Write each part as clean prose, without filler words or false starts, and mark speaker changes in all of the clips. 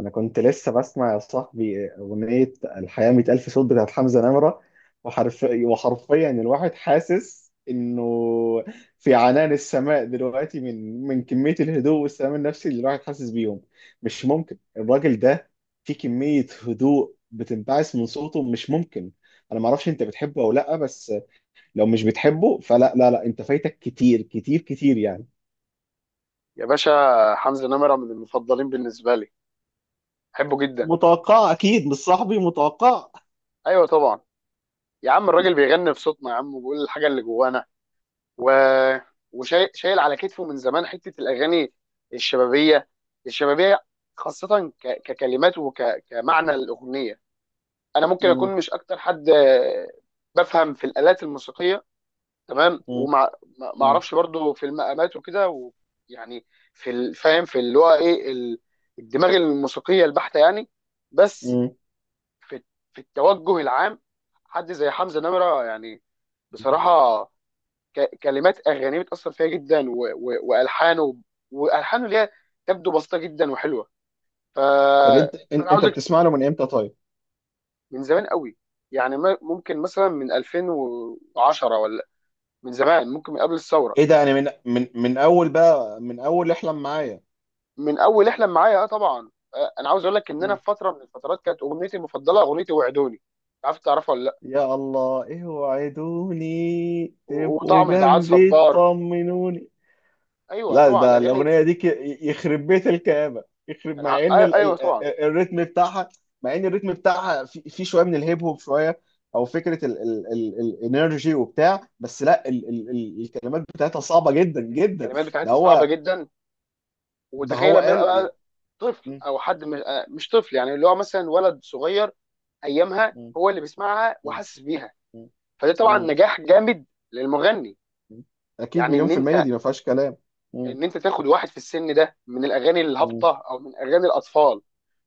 Speaker 1: انا كنت لسه بسمع يا صاحبي اغنيه الحياه 100 الف صوت بتاعت حمزه نمره. وحرفيا وحرفيا الواحد حاسس انه في عنان السماء دلوقتي، من كميه الهدوء والسلام النفسي اللي الواحد حاسس بيهم. مش ممكن الراجل ده، في كميه هدوء بتنبعث من صوته، مش ممكن. انا ما اعرفش انت بتحبه او لا، بس لو مش بتحبه فلا لا لا، انت فايتك كتير كتير كتير يعني.
Speaker 2: يا باشا حمزة نمرة من المفضلين بالنسبة لي. بحبه جدا.
Speaker 1: متوقع اكيد، مش صاحبي، متوقع.
Speaker 2: ايوه طبعا. يا عم الراجل بيغني في صوتنا يا عم، وبيقول الحاجة اللي جوانا و... وشايل على كتفه من زمان حتة الاغاني الشبابية. الشبابية، خاصة ككلمات وكمعنى الاغنية. انا ممكن
Speaker 1: مم.
Speaker 2: اكون مش اكتر حد بفهم في الالات الموسيقية، تمام،
Speaker 1: مم.
Speaker 2: وما ما ما
Speaker 1: مم.
Speaker 2: اعرفش برضو في المقامات وكده ويعني في الفاهم في اللي هو ايه الدماغ الموسيقية البحتة يعني. بس
Speaker 1: مم.
Speaker 2: في في التوجه العام، حد زي حمزة نمرة يعني، بصراحة، كلمات أغانيه بتأثر فيها جدا و وألحانه وألحانه ليها تبدو بسيطة جدا وحلوة. ف...
Speaker 1: طب انت
Speaker 2: فأنا
Speaker 1: انت
Speaker 2: عاوزك.
Speaker 1: بتسمع له من امتى طيب؟
Speaker 2: من زمان قوي يعني ممكن مثلا من 2010، ولا من زمان، ممكن من قبل الثورة،
Speaker 1: ايه ده، يعني من اول بقى، من اول احلم معايا.
Speaker 2: من أول احلم معايا. اه طبعا. أنا عاوز أقول لك إن أنا
Speaker 1: مم.
Speaker 2: في فترة من الفترات كانت أغنيتي المفضلة أغنيتي وعدوني. عارف تعرفها ولا لأ؟
Speaker 1: يا الله، ايه وعدوني تبقوا
Speaker 2: وطعم البعاد
Speaker 1: جنبي
Speaker 2: صبار.
Speaker 1: تطمنوني.
Speaker 2: أيوه
Speaker 1: لا
Speaker 2: طبعا
Speaker 1: ده
Speaker 2: الأغاني.
Speaker 1: الاغنيه دي ك-. يخرب بيت الكآبه، يخرب،
Speaker 2: أنا
Speaker 1: مع
Speaker 2: ع-
Speaker 1: ان
Speaker 2: آه، أيوه طبعا.
Speaker 1: الريتم بتاعها. مع ان الريتم بتاعها في، شويه من الهيب هوب شويه، او فكره ال ال ال الانرجي وبتاع. بس لا ال ال ال الكلمات بتاعتها صعبه جدا جدا.
Speaker 2: الكلمات
Speaker 1: ده
Speaker 2: بتاعتها صعبه
Speaker 1: هو
Speaker 2: جدا.
Speaker 1: ده
Speaker 2: وتخيل
Speaker 1: هو
Speaker 2: لما يبقى
Speaker 1: قال.
Speaker 2: بقى طفل
Speaker 1: مم.
Speaker 2: او حد مش طفل، يعني اللي هو مثلا ولد صغير ايامها هو اللي بيسمعها
Speaker 1: مم.
Speaker 2: وحاسس بيها.
Speaker 1: مم.
Speaker 2: فده طبعا
Speaker 1: مم.
Speaker 2: نجاح جامد للمغني.
Speaker 1: مم. اكيد
Speaker 2: يعني
Speaker 1: مليون
Speaker 2: ان
Speaker 1: في المية،
Speaker 2: انت
Speaker 1: دي ما فيهاش كلام. مم.
Speaker 2: ان انت تاخد واحد في السن ده من الاغاني
Speaker 1: مم.
Speaker 2: الهابطه او من اغاني الاطفال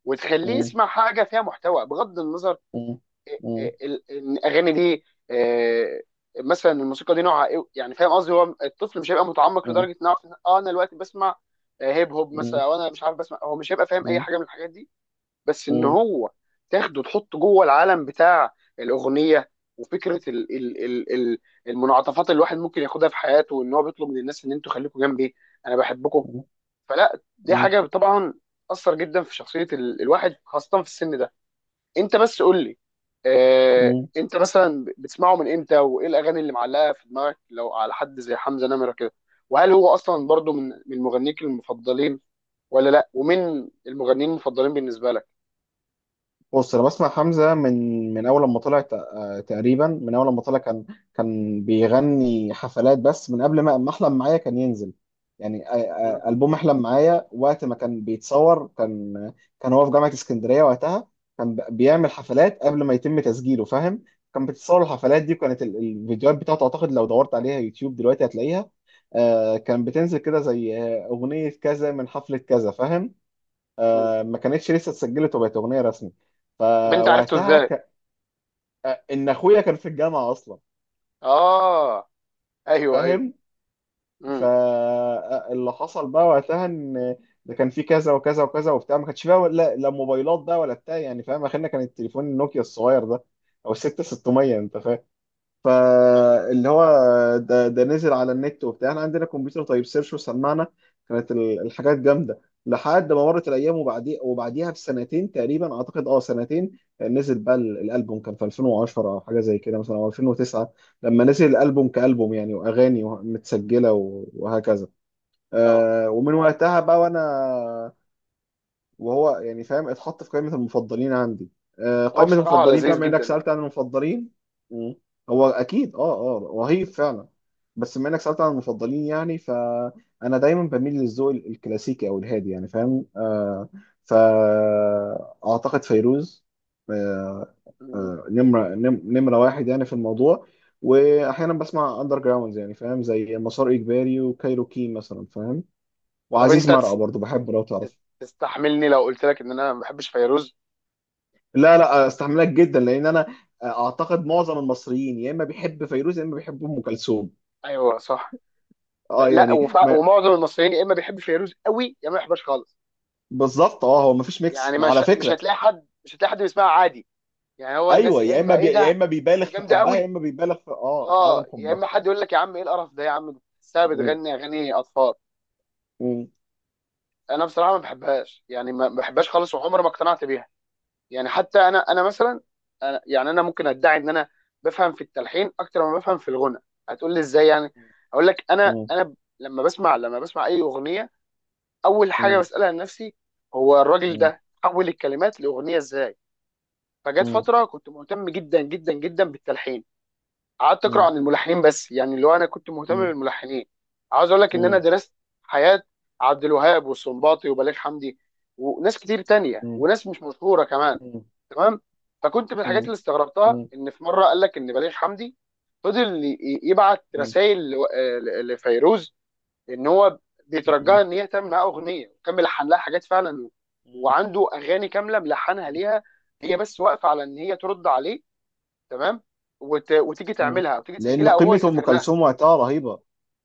Speaker 2: وتخليه
Speaker 1: مم.
Speaker 2: يسمع حاجه فيها محتوى، بغض النظر،
Speaker 1: مم. مم.
Speaker 2: الاغاني دي آه، مثلا الموسيقى دي نوعها ايه، يعني فاهم قصدي. هو الطفل مش هيبقى متعمق لدرجه انه يعرف إن اه انا دلوقتي بسمع هيب هوب
Speaker 1: مم.
Speaker 2: مثلا، او انا مش عارف بسمع. هو مش هيبقى فاهم اي
Speaker 1: مم.
Speaker 2: حاجه من الحاجات دي، بس ان
Speaker 1: مم.
Speaker 2: هو تاخده تحطه جوه العالم بتاع الاغنيه، وفكره ال ال ال ال المنعطفات اللي الواحد ممكن ياخدها في حياته، وان هو بيطلب من الناس ان انتوا خليكم جنبي، انا بحبكم. فلا، دي
Speaker 1: مم.
Speaker 2: حاجه طبعا اثر جدا في شخصيه الواحد خاصه في السن ده. انت بس قول لي،
Speaker 1: مم.
Speaker 2: انت مثلا بتسمعه من امتى، وايه الاغاني اللي معلقه في دماغك لو على حد زي حمزة نمرة كده، وهل هو اصلا برضو من مغنيك المفضلين ولا لا؟ ومين المغنيين المفضلين بالنسبه لك؟
Speaker 1: بص، انا بسمع حمزة من اول لما طلع، تقريبا من اول لما طلع، كان بيغني حفلات بس. من قبل ما احلم معايا كان ينزل، يعني
Speaker 2: مم.
Speaker 1: البوم احلم معايا وقت ما كان بيتصور، كان هو في جامعة اسكندرية وقتها. كان بيعمل حفلات قبل ما يتم تسجيله، فاهم. كان بيتصور الحفلات دي، وكانت الفيديوهات بتاعته، اعتقد لو دورت عليها يوتيوب دلوقتي هتلاقيها. كان بتنزل كده، زي اغنية كذا من حفلة كذا، فاهم،
Speaker 2: مم.
Speaker 1: ما كانتش لسه اتسجلت وبقت اغنيه رسمي.
Speaker 2: طب انت عرفته
Speaker 1: فوقتها
Speaker 2: ازاي؟
Speaker 1: ك... ان اخويا كان في الجامعه اصلا،
Speaker 2: اه. ايوه ايوه.
Speaker 1: فاهم.
Speaker 2: امم.
Speaker 1: فاللي حصل بقى وقتها ان ده كان في كذا وكذا وكذا وبتاع، ما كانش فيها ولا لا موبايلات بقى ولا بتاع، يعني فاهم، اخرنا كان التليفون النوكيا الصغير ده، او الست 600، انت فاهم.
Speaker 2: ايوه.
Speaker 1: فاللي هو ده نزل على النت وبتاع، احنا عندنا كمبيوتر، طيب سيرش وسمعنا، كانت الحاجات جامده. لحد ما مرت الايام، وبعدي وبعديها بسنتين تقريبا، اعتقد اه سنتين، نزل بقى الالبوم، كان في 2010 او حاجه زي كده مثلا، او 2009. لما نزل الالبوم كالبوم يعني، واغاني متسجله وهكذا.
Speaker 2: اه،
Speaker 1: آه، ومن وقتها بقى، وانا وهو يعني فاهم، اتحط في قائمة المفضلين عندي. آه،
Speaker 2: هو
Speaker 1: قائمة
Speaker 2: بصراحه
Speaker 1: المفضلين بقى،
Speaker 2: لذيذ
Speaker 1: بما انك
Speaker 2: جدا اه.
Speaker 1: سألت عن المفضلين. مم. هو اكيد، اه رهيب فعلا. بس بما انك سألت عن المفضلين، يعني فانا دايما بميل للذوق الكلاسيكي او الهادي، يعني فاهم آه. فاعتقد فيروز، آه،
Speaker 2: مم.
Speaker 1: آه، نمرة واحد يعني في الموضوع. واحيانا بسمع اندر جراوندز، يعني فاهم، زي مسار اجباري وكايروكي مثلا، فاهم.
Speaker 2: طب
Speaker 1: وعزيز
Speaker 2: انت
Speaker 1: مرقة برضو بحبه لو تعرف.
Speaker 2: تستحملني لو قلت لك ان انا ما بحبش فيروز؟
Speaker 1: لا لا، استحملك جدا، لان انا اعتقد معظم المصريين يا اما بيحب فيروز يا اما بيحب ام كلثوم.
Speaker 2: ايوه صح.
Speaker 1: اه،
Speaker 2: لا
Speaker 1: يعني
Speaker 2: وفع...
Speaker 1: ما.
Speaker 2: ومعظم المصريين يا اما بيحب فيروز قوي يا ما بيحبش خالص.
Speaker 1: بالظبط، اه هو ما فيش ميكس
Speaker 2: يعني مش
Speaker 1: على
Speaker 2: مش
Speaker 1: فكره.
Speaker 2: هتلاقي حد، مش هتلاقي حد بيسمعها عادي، يعني هو الناس
Speaker 1: ايوه،
Speaker 2: يا
Speaker 1: يا
Speaker 2: اما
Speaker 1: اما
Speaker 2: ايه
Speaker 1: يا
Speaker 2: ده.
Speaker 1: اما بيبالغ
Speaker 2: دي
Speaker 1: في
Speaker 2: جامده
Speaker 1: حبها، يا
Speaker 2: قوي.
Speaker 1: اما بيبالغ في في
Speaker 2: اه،
Speaker 1: عدم
Speaker 2: يا
Speaker 1: حبها.
Speaker 2: اما حد يقول لك يا عم ايه القرف ده يا عم، دي بتحسها
Speaker 1: م-
Speaker 2: بتغني اغاني اطفال.
Speaker 1: م-
Speaker 2: انا بصراحه ما بحبهاش، يعني ما بحبهاش خالص وعمري ما اقتنعت بيها. يعني حتى انا مثلا، أنا يعني انا ممكن ادعي ان انا بفهم في التلحين اكتر ما بفهم في الغنى. هتقول لي ازاي يعني؟ اقول لك انا
Speaker 1: م-
Speaker 2: انا لما بسمع اي اغنيه، اول حاجه
Speaker 1: م-
Speaker 2: بسالها لنفسي هو الراجل
Speaker 1: م-
Speaker 2: ده حول الكلمات لاغنيه ازاي. فجت
Speaker 1: م-
Speaker 2: فتره كنت مهتم جدا جدا جدا بالتلحين، قعدت اقرا
Speaker 1: م-
Speaker 2: عن الملحنين، بس يعني اللي هو انا كنت
Speaker 1: م-
Speaker 2: مهتم
Speaker 1: م-
Speaker 2: بالملحنين. عاوز اقول لك ان انا
Speaker 1: م-
Speaker 2: درست حياه عبد الوهاب والسنباطي وبليغ حمدي وناس كتير تانية، وناس مش مشهوره كمان. تمام. فكنت من الحاجات
Speaker 1: م-
Speaker 2: اللي استغربتها ان في مره قال لك ان بليغ حمدي فضل يبعت
Speaker 1: م-
Speaker 2: رسائل لفيروز ان هو بيترجاها ان هي تعمل معاه اغنيه، وكمل لحن لها حاجات فعلا،
Speaker 1: م-
Speaker 2: وعنده اغاني كامله ملحنها ليها، هي بس واقفه على ان هي ترد عليه. تمام. وتيجي
Speaker 1: م-
Speaker 2: تعملها او تيجي
Speaker 1: لان
Speaker 2: تسجلها او هو
Speaker 1: قيمه ام
Speaker 2: يسافر لها.
Speaker 1: كلثوم وقتها رهيبه.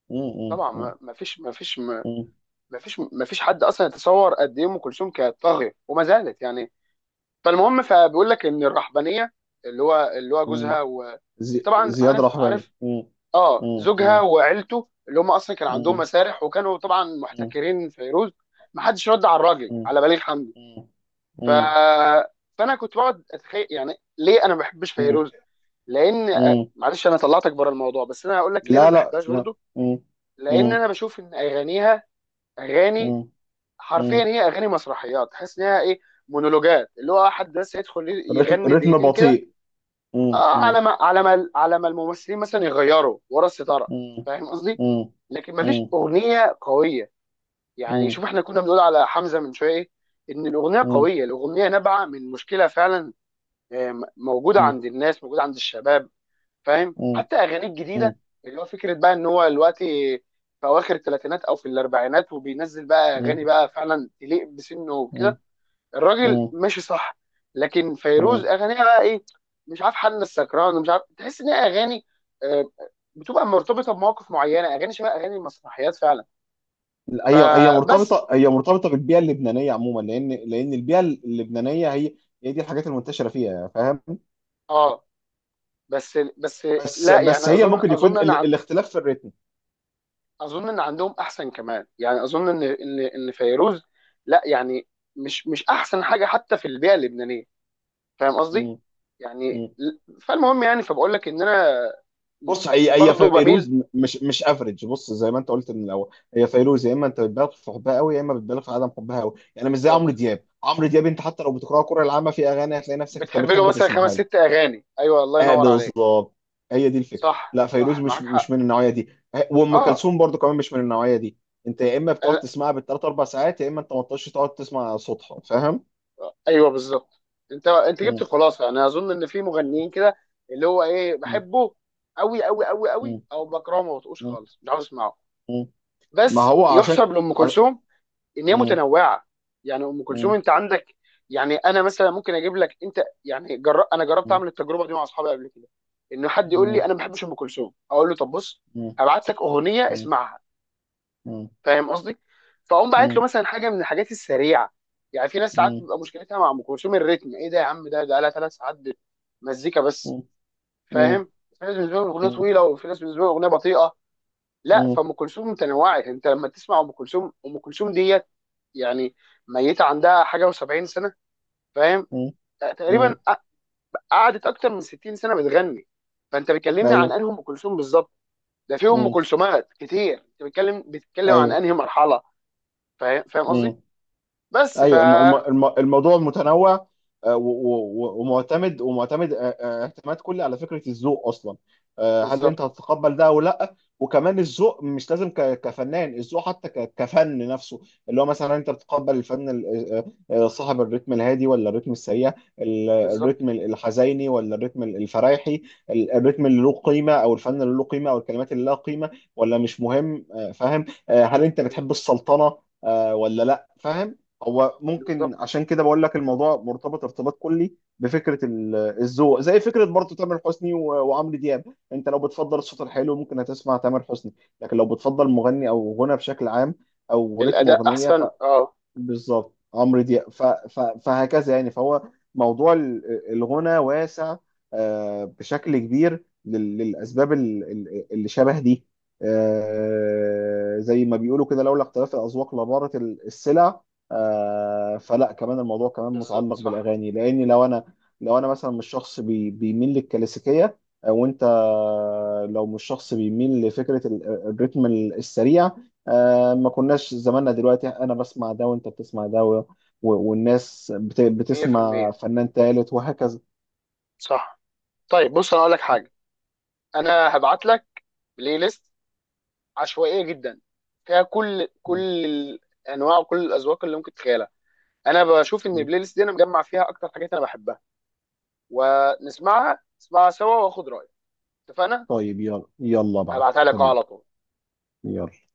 Speaker 1: م-
Speaker 2: طبعا
Speaker 1: م- م-
Speaker 2: ما فيش حد اصلا يتصور قد ايه ام كلثوم كانت طاغيه وما زالت يعني. فالمهم، فبيقول لك ان الرحبانيه، اللي هو
Speaker 1: م-
Speaker 2: جوزها طبعا
Speaker 1: زياد
Speaker 2: عارف
Speaker 1: رحباني.
Speaker 2: عارف،
Speaker 1: مم.
Speaker 2: اه
Speaker 1: مم.
Speaker 2: زوجها
Speaker 1: مم.
Speaker 2: وعيلته اللي هم اصلا كان عندهم
Speaker 1: مم.
Speaker 2: مسارح وكانوا طبعا
Speaker 1: مم.
Speaker 2: محتكرين فيروز، ما حدش رد على الراجل
Speaker 1: مم.
Speaker 2: على بليغ حمدي.
Speaker 1: مم.
Speaker 2: ف
Speaker 1: مم.
Speaker 2: فانا كنت بقعد اتخيل يعني ليه انا ما بحبش
Speaker 1: مم.
Speaker 2: فيروز. لان
Speaker 1: مم.
Speaker 2: معلش انا طلعتك بره الموضوع، بس انا هقول لك ليه انا
Speaker 1: لا
Speaker 2: ما
Speaker 1: لا
Speaker 2: بحبهاش
Speaker 1: لا.
Speaker 2: برضو.
Speaker 1: مم.
Speaker 2: لان
Speaker 1: مم.
Speaker 2: انا بشوف ان اغانيها اغاني،
Speaker 1: مم.
Speaker 2: حرفيا
Speaker 1: مم.
Speaker 2: هي اغاني مسرحيات. تحس انها ايه، مونولوجات اللي هو حد بس يدخل
Speaker 1: الريتم،
Speaker 2: يغني
Speaker 1: الريتم
Speaker 2: دقيقتين كده،
Speaker 1: بطيء. مم.
Speaker 2: اه، على
Speaker 1: مم.
Speaker 2: ما على ما الممثلين مثلا يغيروا ورا الستاره.
Speaker 1: مم.
Speaker 2: فاهم قصدي؟
Speaker 1: مم.
Speaker 2: لكن ما فيش
Speaker 1: مم.
Speaker 2: اغنيه قويه. يعني
Speaker 1: مم.
Speaker 2: شوف احنا كنا بنقول على حمزه من شويه إيه؟ ان الاغنيه
Speaker 1: مم.
Speaker 2: قويه، الاغنيه نابعه من مشكله فعلا، موجوده
Speaker 1: مم.
Speaker 2: عند الناس، موجوده عند الشباب، فاهم؟
Speaker 1: مم.
Speaker 2: حتى اغانيه الجديده،
Speaker 1: مم.
Speaker 2: اللي هو فكره بقى ان هو دلوقتي في اواخر الثلاثينات او في الاربعينات وبينزل بقى اغاني
Speaker 1: مم.
Speaker 2: بقى فعلا تليق بسنه وكده، الراجل
Speaker 1: مم.
Speaker 2: ماشي صح. لكن فيروز
Speaker 1: مم.
Speaker 2: اغانيها بقى ايه، مش عارف حل السكران ومش عارف، تحس ان هي اغاني آه، بتبقى مرتبطه بمواقف معينه، اغاني شبه اغاني المسرحيات فعلا.
Speaker 1: هي
Speaker 2: فبس
Speaker 1: هي مرتبطه بالبيئه اللبنانيه عموما، لان البيئه اللبنانيه، هي هي دي الحاجات المنتشره فيها، فاهم.
Speaker 2: اه، بس بس.
Speaker 1: بس
Speaker 2: لا يعني،
Speaker 1: هي
Speaker 2: اظن
Speaker 1: ممكن يكون
Speaker 2: اظن ان عن،
Speaker 1: الاختلاف في الريتم.
Speaker 2: اظن ان عندهم احسن كمان، يعني اظن ان فيروز، لا يعني، مش احسن حاجه حتى في البيئه اللبنانيه. فاهم قصدي؟
Speaker 1: مم.
Speaker 2: يعني
Speaker 1: مم.
Speaker 2: فالمهم يعني فبقول لك ان انا
Speaker 1: بص، هي
Speaker 2: برضه بميل.
Speaker 1: فيروز مش افريج، بص زي ما انت قلت من الاول. هي فيروز يا اما انت بتبالغ في حبها قوي يا اما بتبالغ في عدم حبها قوي، يعني مش زي
Speaker 2: بالظبط.
Speaker 1: عمرو دياب. عمرو دياب انت حتى لو بتقرا القرآن العامه في اغاني هتلاقي نفسك انت
Speaker 2: بتحب له
Speaker 1: بتحب
Speaker 2: مثلا خمس
Speaker 1: تسمعها
Speaker 2: ست
Speaker 1: له.
Speaker 2: اغاني، ايوه الله
Speaker 1: اه،
Speaker 2: ينور عليك.
Speaker 1: بالظبط. هي دي الفكره،
Speaker 2: صح
Speaker 1: لا فيروز
Speaker 2: صح
Speaker 1: مش
Speaker 2: معاك حق
Speaker 1: من النوعيه دي. آه، وام
Speaker 2: اه.
Speaker 1: كلثوم برضو كمان مش من النوعيه دي. انت يا اما بتقعد
Speaker 2: لا،
Speaker 1: تسمعها بالثلاث اربع ساعات يا اما انت ما تقعدش، تقعد تسمع صوتها، فاهم.
Speaker 2: ايوه بالظبط. انت جبت
Speaker 1: مم.
Speaker 2: الخلاصه. يعني انا اظن ان في مغنيين كده اللي هو ايه
Speaker 1: مم.
Speaker 2: بحبه قوي قوي قوي قوي،
Speaker 1: مم.
Speaker 2: او بكرهه ما بطقوش خالص، مش عاوز اسمعه.
Speaker 1: مم. ما
Speaker 2: بس
Speaker 1: هو عشان
Speaker 2: يحسب لام
Speaker 1: ع-.
Speaker 2: كلثوم ان هي
Speaker 1: مم.
Speaker 2: متنوعه. يعني ام كلثوم
Speaker 1: مم.
Speaker 2: انت عندك، يعني انا مثلا ممكن اجيب لك، انت يعني انا جربت
Speaker 1: مم.
Speaker 2: اعمل التجربه دي مع اصحابي قبل كده. ان حد يقول لي
Speaker 1: مم.
Speaker 2: انا ما بحبش ام كلثوم، اقول له طب بص،
Speaker 1: مم.
Speaker 2: هبعت لك اغنيه اسمعها.
Speaker 1: مم.
Speaker 2: فاهم قصدي. فاقوم
Speaker 1: مم.
Speaker 2: باعت له
Speaker 1: مم.
Speaker 2: مثلا حاجه من الحاجات السريعه. يعني في ناس ساعات
Speaker 1: مم.
Speaker 2: بتبقى مشكلتها مع ام كلثوم الريتم، ايه ده يا عم، ده لها 3 ساعات مزيكا بس،
Speaker 1: مم.
Speaker 2: فاهم. في ناس بالنسبه لهم الاغنيه
Speaker 1: مم.
Speaker 2: طويله، وفي ناس بالنسبه لهم الاغنيه بطيئه. لا،
Speaker 1: مم.
Speaker 2: فام كلثوم متنوعه. انت لما تسمع ام كلثوم، ام كلثوم ديت يعني، ميته عندها حاجه و70 سنه، فاهم،
Speaker 1: مم. مم.
Speaker 2: تقريبا. قعدت اكتر من 60 سنه بتغني. فانت بتكلمني عن
Speaker 1: ايوه.
Speaker 2: انهي ام كلثوم بالظبط؟ ده في ام
Speaker 1: مم.
Speaker 2: كلثومات كتير، انت بتتكلم عن
Speaker 1: ايوه.
Speaker 2: انهي مرحله، فاهم قصدي.
Speaker 1: مم.
Speaker 2: بس ف
Speaker 1: ايوه، الموضوع متنوع. آه، ومعتمد، آه، اعتماد كلي على فكره الذوق اصلا. آه، هل
Speaker 2: بالظبط.
Speaker 1: انت هتتقبل ده او لا. وكمان الذوق مش لازم كفنان، الذوق حتى كفن نفسه. اللي هو مثلا انت بتقبل الفن آه، صاحب الريتم الهادي، ولا الريتم السريع.
Speaker 2: بالظبط.
Speaker 1: الريتم الحزيني ولا الريتم الفرايحي. الريتم اللي له قيمه، او الفن اللي له قيمه، او الكلمات اللي لها قيمه. ولا مش مهم، آه، فاهم، آه، هل انت بتحب السلطنه، آه، ولا لا، فاهم. هو
Speaker 2: بالظبط
Speaker 1: ممكن عشان كده بقول لك الموضوع مرتبط ارتباط كلي بفكره الذوق، زي فكره برضه تامر حسني وعمرو دياب. انت لو بتفضل الصوت الحلو، ممكن هتسمع تامر حسني. لكن لو بتفضل مغني او غنى بشكل عام، او رتم
Speaker 2: الاداء
Speaker 1: اغنيه،
Speaker 2: احسن اه.
Speaker 1: بالظبط عمرو دياب، فهكذا يعني. فهو موضوع الغنى واسع، آه، بشكل كبير للأسباب اللي شبه دي. آه، زي ما بيقولوا كده، لولا اختلاف الأذواق لبارت السلع. آه، فلا كمان الموضوع كمان
Speaker 2: بالظبط
Speaker 1: متعلق
Speaker 2: صح.
Speaker 1: بالأغاني، لأن لو أنا مثلا مش شخص بيميل للكلاسيكية. آه، وأنت لو مش شخص بيميل لفكرة الريتم السريع، آه، ما كناش زماننا دلوقتي انا بسمع ده وانت بتسمع ده والناس بتسمع
Speaker 2: 100%
Speaker 1: فنان تالت وهكذا.
Speaker 2: صح. طيب بص انا اقول لك حاجه. انا هبعت لك بلاي ليست عشوائيه جدا، فيها كل الانواع وكل الاذواق اللي ممكن تتخيلها. انا بشوف ان البلاي ليست دي انا مجمع فيها اكتر حاجات انا بحبها، ونسمعها، نسمعها سوا واخد رايك. اتفقنا؟
Speaker 1: طيب، يلا يلا بعد.
Speaker 2: هبعتها لك أهو
Speaker 1: تمام.
Speaker 2: على طول.
Speaker 1: يلا.